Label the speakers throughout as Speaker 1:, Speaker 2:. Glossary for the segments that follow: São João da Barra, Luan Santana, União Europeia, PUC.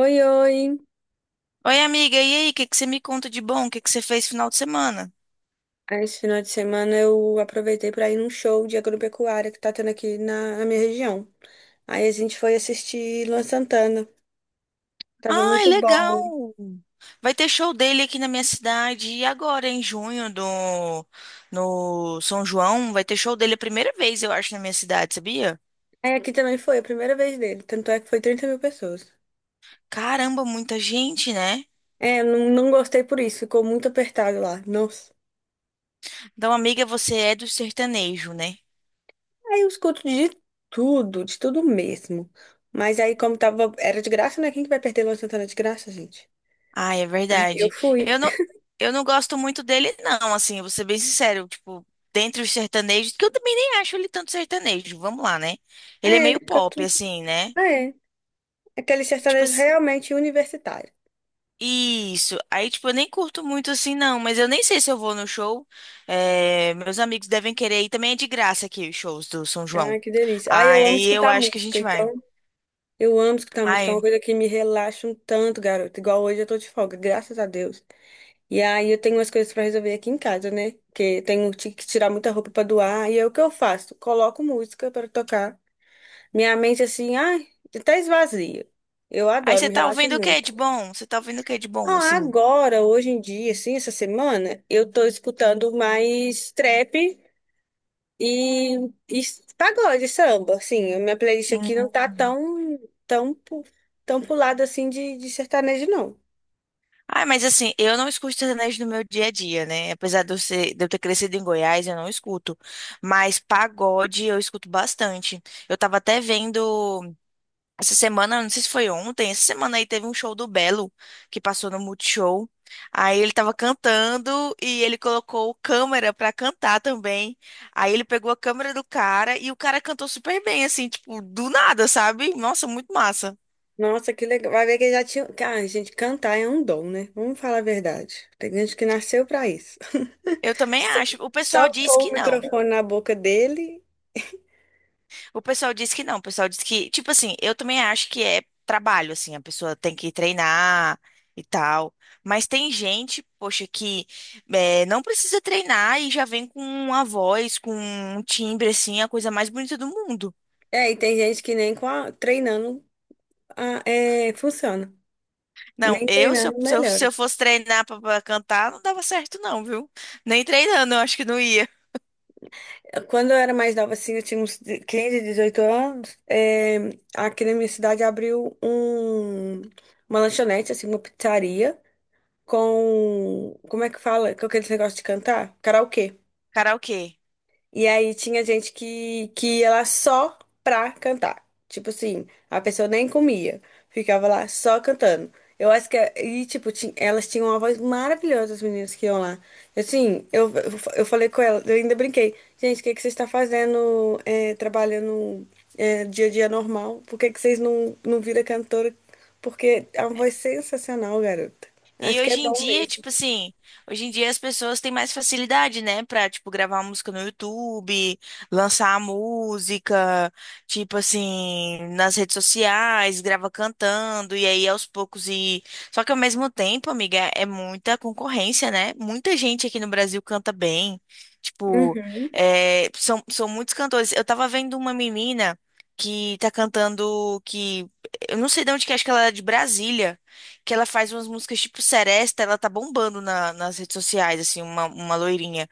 Speaker 1: Oi, oi!
Speaker 2: Oi, amiga, e aí? O que que você me conta de bom? O que que você fez final de semana?
Speaker 1: Esse final de semana eu aproveitei para ir num show de agropecuária que tá tendo aqui na minha região. Aí a gente foi assistir Luan Santana. Tava
Speaker 2: Ai,
Speaker 1: muito bom.
Speaker 2: legal! Vai ter show dele aqui na minha cidade e agora em junho do no São João, vai ter show dele a primeira vez, eu acho, na minha cidade, sabia?
Speaker 1: Aí aqui também foi a primeira vez dele, tanto é que foi 30 mil pessoas.
Speaker 2: Caramba, muita gente, né?
Speaker 1: É, eu não gostei por isso, ficou muito apertado lá. Nossa.
Speaker 2: Então, amiga, você é do sertanejo, né?
Speaker 1: Aí eu escuto de tudo mesmo. Mas aí, como tava, era de graça, né? Quem que vai perder Luan Santana de graça, gente?
Speaker 2: Ah, é
Speaker 1: Aí eu
Speaker 2: verdade.
Speaker 1: fui.
Speaker 2: Eu não, eu não gosto muito dele, não, assim, eu vou ser bem sincero, tipo, dentre os sertanejos, que eu também nem acho ele tanto sertanejo, vamos lá, né? Ele é
Speaker 1: É,
Speaker 2: meio
Speaker 1: ele
Speaker 2: pop,
Speaker 1: cantou.
Speaker 2: assim, né?
Speaker 1: É, aquele
Speaker 2: Tipo
Speaker 1: sertanejo
Speaker 2: assim,
Speaker 1: realmente universitário.
Speaker 2: isso. Aí, tipo, eu nem curto muito assim, não. Mas eu nem sei se eu vou no show. É, meus amigos devem querer ir. Também é de graça aqui os shows do São João.
Speaker 1: Ah, que delícia. Ah, eu amo
Speaker 2: Aí eu
Speaker 1: escutar
Speaker 2: acho que a
Speaker 1: música,
Speaker 2: gente vai.
Speaker 1: então eu amo escutar música, é uma
Speaker 2: Ai.
Speaker 1: coisa que me relaxa um tanto, garoto. Igual hoje eu tô de folga, graças a Deus. E aí eu tenho umas coisas pra resolver aqui em casa, né? Porque tenho que tirar muita roupa pra doar, e aí o que eu faço? Coloco música pra tocar. Minha mente assim, ai, até esvazia. Eu
Speaker 2: Aí
Speaker 1: adoro,
Speaker 2: você
Speaker 1: me
Speaker 2: tá
Speaker 1: relaxa
Speaker 2: ouvindo o que
Speaker 1: muito.
Speaker 2: de bom? Você tá ouvindo o que de bom,
Speaker 1: Ah,
Speaker 2: assim?
Speaker 1: agora, hoje em dia, assim, essa semana, eu tô escutando mais trap E, e pagode, samba, assim, a minha playlist aqui não tá
Speaker 2: Hum.
Speaker 1: tão, tão, pu- tão pulada assim de sertanejo, não.
Speaker 2: Ai, mas assim, eu não escuto sertanejo no meu dia a dia, né? Apesar de eu, de eu ter crescido em Goiás, eu não escuto. Mas pagode eu escuto bastante. Eu tava até vendo. Essa semana, não sei se foi ontem, essa semana aí teve um show do Belo que passou no Multishow. Aí ele tava cantando e ele colocou câmera pra cantar também. Aí ele pegou a câmera do cara e o cara cantou super bem, assim, tipo, do nada, sabe? Nossa, muito massa.
Speaker 1: Nossa, que legal. Vai ver que já tinha. Cara, gente, cantar é um dom, né? Vamos falar a verdade. Tem gente que nasceu pra isso.
Speaker 2: Eu também
Speaker 1: Só,
Speaker 2: acho. O pessoal
Speaker 1: só
Speaker 2: diz
Speaker 1: pôr
Speaker 2: que
Speaker 1: o
Speaker 2: não.
Speaker 1: microfone na boca dele.
Speaker 2: O pessoal diz que não, o pessoal diz que, tipo assim, eu também acho que é trabalho, assim, a pessoa tem que treinar e tal. Mas tem gente, poxa, que não precisa treinar e já vem com uma voz, com um timbre, assim, a coisa mais bonita do mundo.
Speaker 1: É, e tem gente que nem treinando funciona.
Speaker 2: Não,
Speaker 1: Nem
Speaker 2: eu, se eu,
Speaker 1: treinando
Speaker 2: se eu, se
Speaker 1: melhora.
Speaker 2: eu fosse treinar pra cantar, não dava certo, não, viu? Nem treinando, eu acho que não ia.
Speaker 1: Quando eu era mais nova, assim, eu tinha uns 15, 18 anos, aqui na minha cidade abriu uma lanchonete, assim, uma pizzaria com, como é que fala? Com aquele negócio de cantar? Karaokê.
Speaker 2: Karaokê.
Speaker 1: E aí tinha gente que ia lá só pra cantar. Tipo assim, a pessoa nem comia, ficava lá só cantando. Eu acho que, é, e tipo, elas tinham uma voz maravilhosa, as meninas que iam lá. Assim, eu falei com ela, eu ainda brinquei. Gente, o que que vocês estão fazendo, é, trabalhando, é, dia a dia normal? Por que que vocês não viram cantora? Porque é uma voz sensacional, garota.
Speaker 2: E
Speaker 1: Acho que é
Speaker 2: hoje em
Speaker 1: dom
Speaker 2: dia,
Speaker 1: mesmo.
Speaker 2: tipo assim, hoje em dia as pessoas têm mais facilidade, né, pra, tipo, gravar música no YouTube, lançar a música, tipo assim, nas redes sociais, grava cantando, e aí aos poucos e... Só que ao mesmo tempo, amiga, é muita concorrência, né? Muita gente aqui no Brasil canta bem, tipo,
Speaker 1: Uhum.
Speaker 2: são muitos cantores. Eu tava vendo uma menina que tá cantando, que... Eu não sei de onde que é, acho que ela é de Brasília, que ela faz umas músicas tipo Seresta, ela tá bombando nas redes sociais, assim, uma loirinha.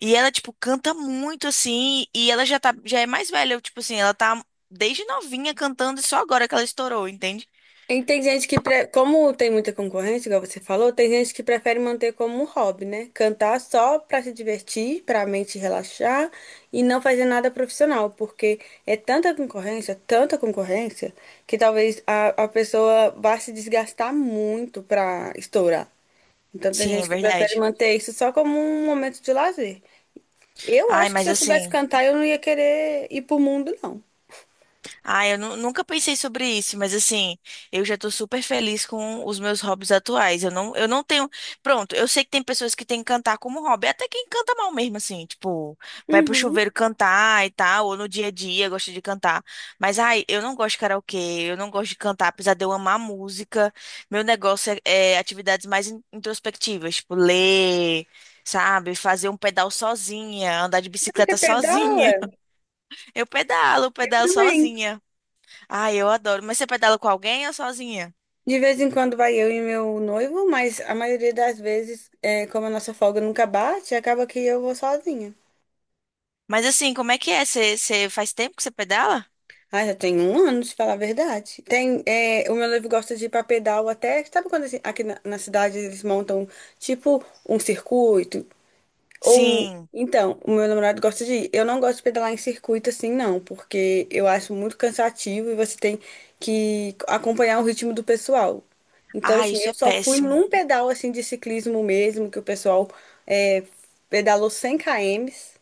Speaker 2: E ela, tipo, canta muito, assim, e ela já tá, já é mais velha, tipo assim, ela tá desde novinha cantando e só agora que ela estourou, entende?
Speaker 1: E tem gente que, como tem muita concorrência, igual você falou, tem gente que prefere manter como um hobby, né? Cantar só para se divertir, para a mente relaxar e não fazer nada profissional, porque é tanta concorrência, que talvez a pessoa vá se desgastar muito para estourar. Então tem
Speaker 2: Sim, é
Speaker 1: gente que prefere
Speaker 2: verdade.
Speaker 1: manter isso só como um momento de lazer. Eu
Speaker 2: Ai,
Speaker 1: acho que se
Speaker 2: mas
Speaker 1: eu soubesse
Speaker 2: assim.
Speaker 1: cantar, eu não ia querer ir pro mundo, não.
Speaker 2: Ah, eu nunca pensei sobre isso, mas assim, eu já tô super feliz com os meus hobbies atuais. Eu não tenho. Pronto, eu sei que tem pessoas que têm que cantar como hobby, até quem canta mal mesmo, assim, tipo, vai pro
Speaker 1: Uhum.
Speaker 2: chuveiro cantar e tal, ou no dia a dia gosta de cantar. Mas, ai, eu não gosto de karaokê, eu não gosto de cantar, apesar de eu amar música. Meu negócio é, é atividades mais introspectivas, tipo, ler, sabe? Fazer um pedal sozinha, andar de
Speaker 1: Ai, que
Speaker 2: bicicleta
Speaker 1: até dá.
Speaker 2: sozinha. Eu pedalo,
Speaker 1: Eu
Speaker 2: pedalo
Speaker 1: também.
Speaker 2: sozinha. Ah, eu adoro. Mas você pedala com alguém ou sozinha?
Speaker 1: De vez em quando vai eu e meu noivo, mas a maioria das vezes, é, como a nossa folga nunca bate, acaba que eu vou sozinha.
Speaker 2: Mas assim, como é que é? Você, você faz tempo que você pedala?
Speaker 1: Ah, já tem um ano, se falar a verdade. Tem, é, o meu noivo gosta de ir pra pedal até. Sabe quando assim, aqui na cidade eles montam tipo um circuito?
Speaker 2: Sim.
Speaker 1: Então, o meu namorado gosta de ir. Eu não gosto de pedalar em circuito assim, não, porque eu acho muito cansativo e você tem que acompanhar o ritmo do pessoal. Então,
Speaker 2: Ah,
Speaker 1: assim,
Speaker 2: isso
Speaker 1: eu
Speaker 2: é
Speaker 1: só fui
Speaker 2: péssimo.
Speaker 1: num pedal assim de ciclismo mesmo, que o pessoal é, pedalou 100 km.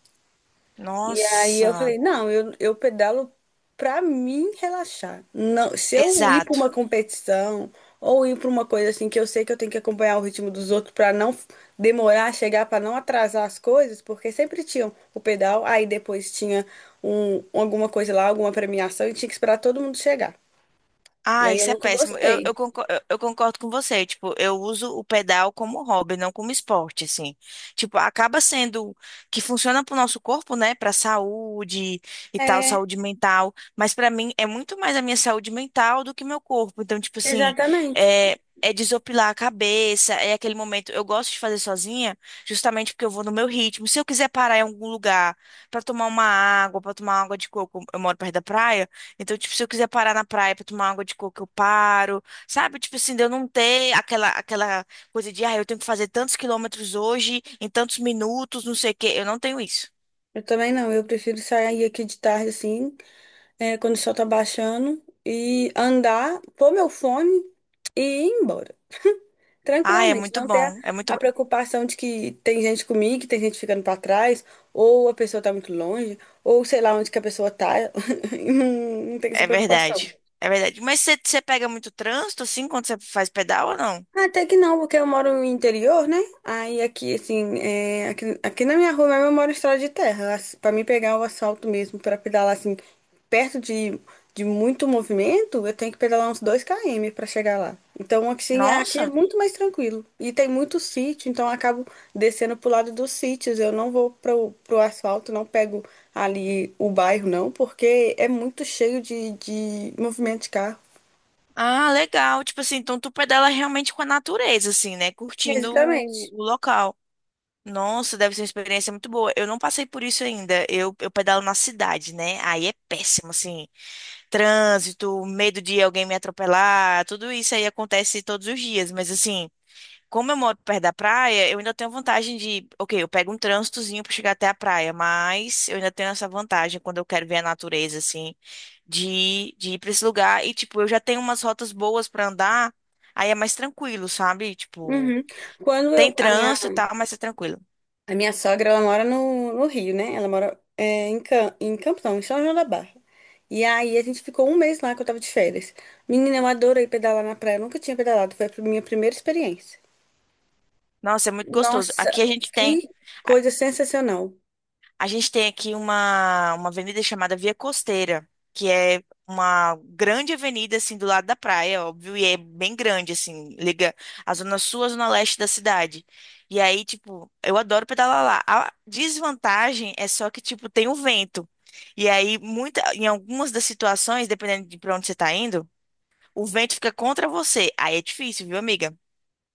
Speaker 1: E aí eu
Speaker 2: Nossa.
Speaker 1: falei, não, eu pedalo pra mim relaxar. Não, se eu ir pra
Speaker 2: Exato.
Speaker 1: uma competição ou ir pra uma coisa assim que eu sei que eu tenho que acompanhar o ritmo dos outros pra não f- demorar a chegar, pra não atrasar as coisas, porque sempre tinham o pedal, aí depois tinha alguma coisa lá, alguma premiação e tinha que esperar todo mundo chegar. E
Speaker 2: Ah,
Speaker 1: aí eu
Speaker 2: isso é
Speaker 1: nunca
Speaker 2: péssimo.
Speaker 1: gostei.
Speaker 2: Eu, eu concordo com você. Tipo, eu uso o pedal como hobby, não como esporte, assim. Tipo, acaba sendo que funciona pro nosso corpo, né? Pra saúde e tal,
Speaker 1: É,
Speaker 2: saúde mental. Mas pra mim é muito mais a minha saúde mental do que meu corpo. Então, tipo assim,
Speaker 1: exatamente.
Speaker 2: é, é desopilar a cabeça, é aquele momento. Eu gosto de fazer sozinha, justamente porque eu vou no meu ritmo. Se eu quiser parar em algum lugar pra tomar uma água, pra tomar água de coco, eu moro perto da praia. Então, tipo, se eu quiser parar na praia pra tomar água de coco, eu paro. Sabe? Tipo assim, de eu não ter aquela coisa de, ah, eu tenho que fazer tantos quilômetros hoje, em tantos minutos, não sei o quê. Eu não tenho isso.
Speaker 1: Eu também não, eu prefiro sair aqui de tarde assim, é, quando o sol tá baixando e andar, pôr meu fone e ir embora.
Speaker 2: Ah, é
Speaker 1: Tranquilamente,
Speaker 2: muito
Speaker 1: não ter
Speaker 2: bom. É muito.
Speaker 1: a preocupação de que tem gente comigo, que tem gente ficando pra trás, ou a pessoa tá muito longe, ou sei lá onde que a pessoa tá. Não, não tem essa
Speaker 2: É
Speaker 1: preocupação.
Speaker 2: verdade. É verdade. Mas você pega muito trânsito, assim, quando você faz pedal ou não?
Speaker 1: Até que não, porque eu moro no interior, né? Aí aqui, assim, é, aqui na minha rua mesmo eu moro em estrada de terra, assim, pra mim pegar o asfalto mesmo, pra pedalar, assim, perto de muito movimento, eu tenho que pedalar uns 2 km pra chegar lá. Então, assim, aqui é
Speaker 2: Nossa.
Speaker 1: muito mais tranquilo. E tem muito sítio, então eu acabo descendo pro lado dos sítios. Eu não vou pro asfalto, não pego ali o bairro, não, porque é muito cheio de movimento de carro.
Speaker 2: Ah, legal. Tipo assim, então tu pedala realmente com a natureza, assim, né? Curtindo
Speaker 1: Exatamente.
Speaker 2: o local. Nossa, deve ser uma experiência muito boa. Eu não passei por isso ainda. Eu pedalo na cidade, né? Aí é péssimo, assim. Trânsito, medo de alguém me atropelar, tudo isso aí acontece todos os dias. Mas, assim, como eu moro perto da praia, eu ainda tenho a vantagem de. Ok, eu pego um trânsitozinho pra chegar até a praia, mas eu ainda tenho essa vantagem quando eu quero ver a natureza, assim, de ir pra esse lugar. E, tipo, eu já tenho umas rotas boas pra andar, aí é mais tranquilo, sabe? Tipo,
Speaker 1: Uhum. Quando
Speaker 2: tem
Speaker 1: eu, a minha
Speaker 2: trânsito e tal, mas é tranquilo.
Speaker 1: A minha sogra, ela mora no Rio, né? Ela mora é, em, Cam em Campos, não, em São João da Barra. E aí a gente ficou um mês lá que eu tava de férias. Menina, eu adorei pedalar na praia. Eu nunca tinha pedalado, foi a minha primeira experiência.
Speaker 2: Nossa, é muito gostoso.
Speaker 1: Nossa,
Speaker 2: Aqui
Speaker 1: que
Speaker 2: a,
Speaker 1: coisa sensacional.
Speaker 2: a gente tem aqui uma avenida chamada Via Costeira, que é uma grande avenida assim do lado da praia, óbvio, e é bem grande assim, liga a zona sul à zona leste da cidade. E aí, tipo, eu adoro pedalar lá. A desvantagem é só que tipo tem o vento. E aí muita em algumas das situações, dependendo de pra onde você tá indo, o vento fica contra você. Aí é difícil, viu, amiga?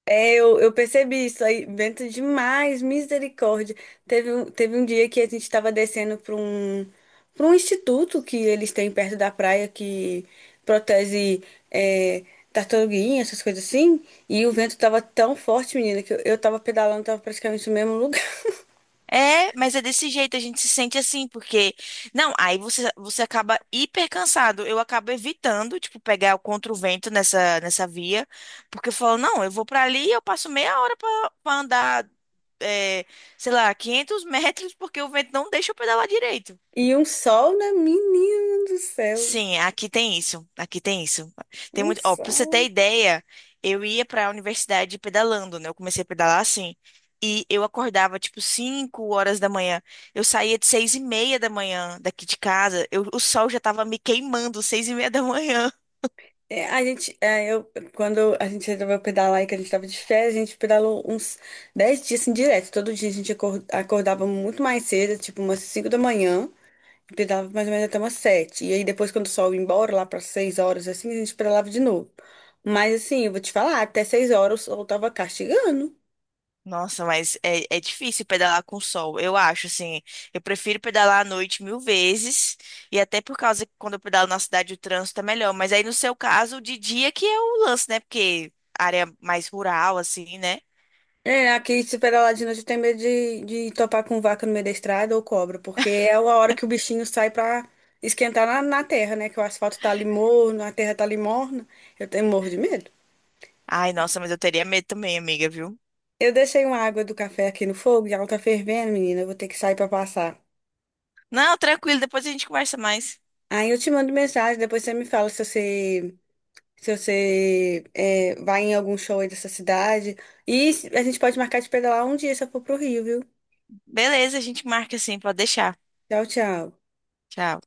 Speaker 1: É, eu percebi isso aí, vento demais, misericórdia. Teve um dia que a gente estava descendo para um instituto que eles têm perto da praia que protege, é, tartaruguinha, essas coisas assim. E o vento estava tão forte, menina, que eu tava pedalando, tava praticamente no mesmo lugar.
Speaker 2: É, mas é desse jeito, a gente se sente assim, porque. Não, aí você, você acaba hiper cansado. Eu acabo evitando, tipo, pegar o contra o vento nessa via, porque eu falo, não, eu vou pra ali e eu passo meia hora pra andar, é, sei lá, 500 metros, porque o vento não deixa eu pedalar direito.
Speaker 1: E um sol, né, menina do céu?
Speaker 2: Sim, aqui tem isso. Aqui tem isso. Tem
Speaker 1: Um
Speaker 2: muito. Ó, pra você ter
Speaker 1: sol.
Speaker 2: ideia, eu ia pra universidade pedalando, né? Eu comecei a pedalar assim. E eu acordava tipo 5 horas da manhã. Eu saía de 6:30 da manhã daqui de casa. Eu, o sol já tava me queimando, 6:30 da manhã.
Speaker 1: É, a gente, é, eu, quando a gente resolveu pedalar e que a gente tava de férias, a gente pedalou uns 10 dias assim, direto. Todo dia a gente acordava muito mais cedo, tipo umas 5 da manhã, e pedalava mais ou menos até umas sete. E aí depois, quando o sol ia embora, lá para 6 horas, assim, a gente pedalava de novo. Mas assim, eu vou te falar, até 6 horas o sol tava castigando.
Speaker 2: Nossa, mas é, é difícil pedalar com sol, eu acho, assim. Eu prefiro pedalar à noite mil vezes, e até por causa que quando eu pedalo na cidade o trânsito é melhor. Mas aí, no seu caso, de dia que é o lance, né? Porque área mais rural, assim, né?
Speaker 1: É, aqui super aladino já tem medo de topar com vaca no meio da estrada ou cobra, porque é a hora que o bichinho sai pra esquentar na terra, né? Que o asfalto tá ali morno, a terra tá ali morna. Eu tenho morro de medo.
Speaker 2: Ai, nossa, mas eu teria medo também, amiga, viu?
Speaker 1: Eu deixei uma água do café aqui no fogo e ela tá fervendo, menina. Eu vou ter que sair pra passar.
Speaker 2: Não, tranquilo, depois a gente conversa mais.
Speaker 1: Aí eu te mando mensagem, depois você me fala se se você, vai em algum show aí dessa cidade. E a gente pode marcar de pedalar um dia se eu for pro Rio, viu?
Speaker 2: Beleza, a gente marca assim, pode deixar.
Speaker 1: Tchau, tchau.
Speaker 2: Tchau.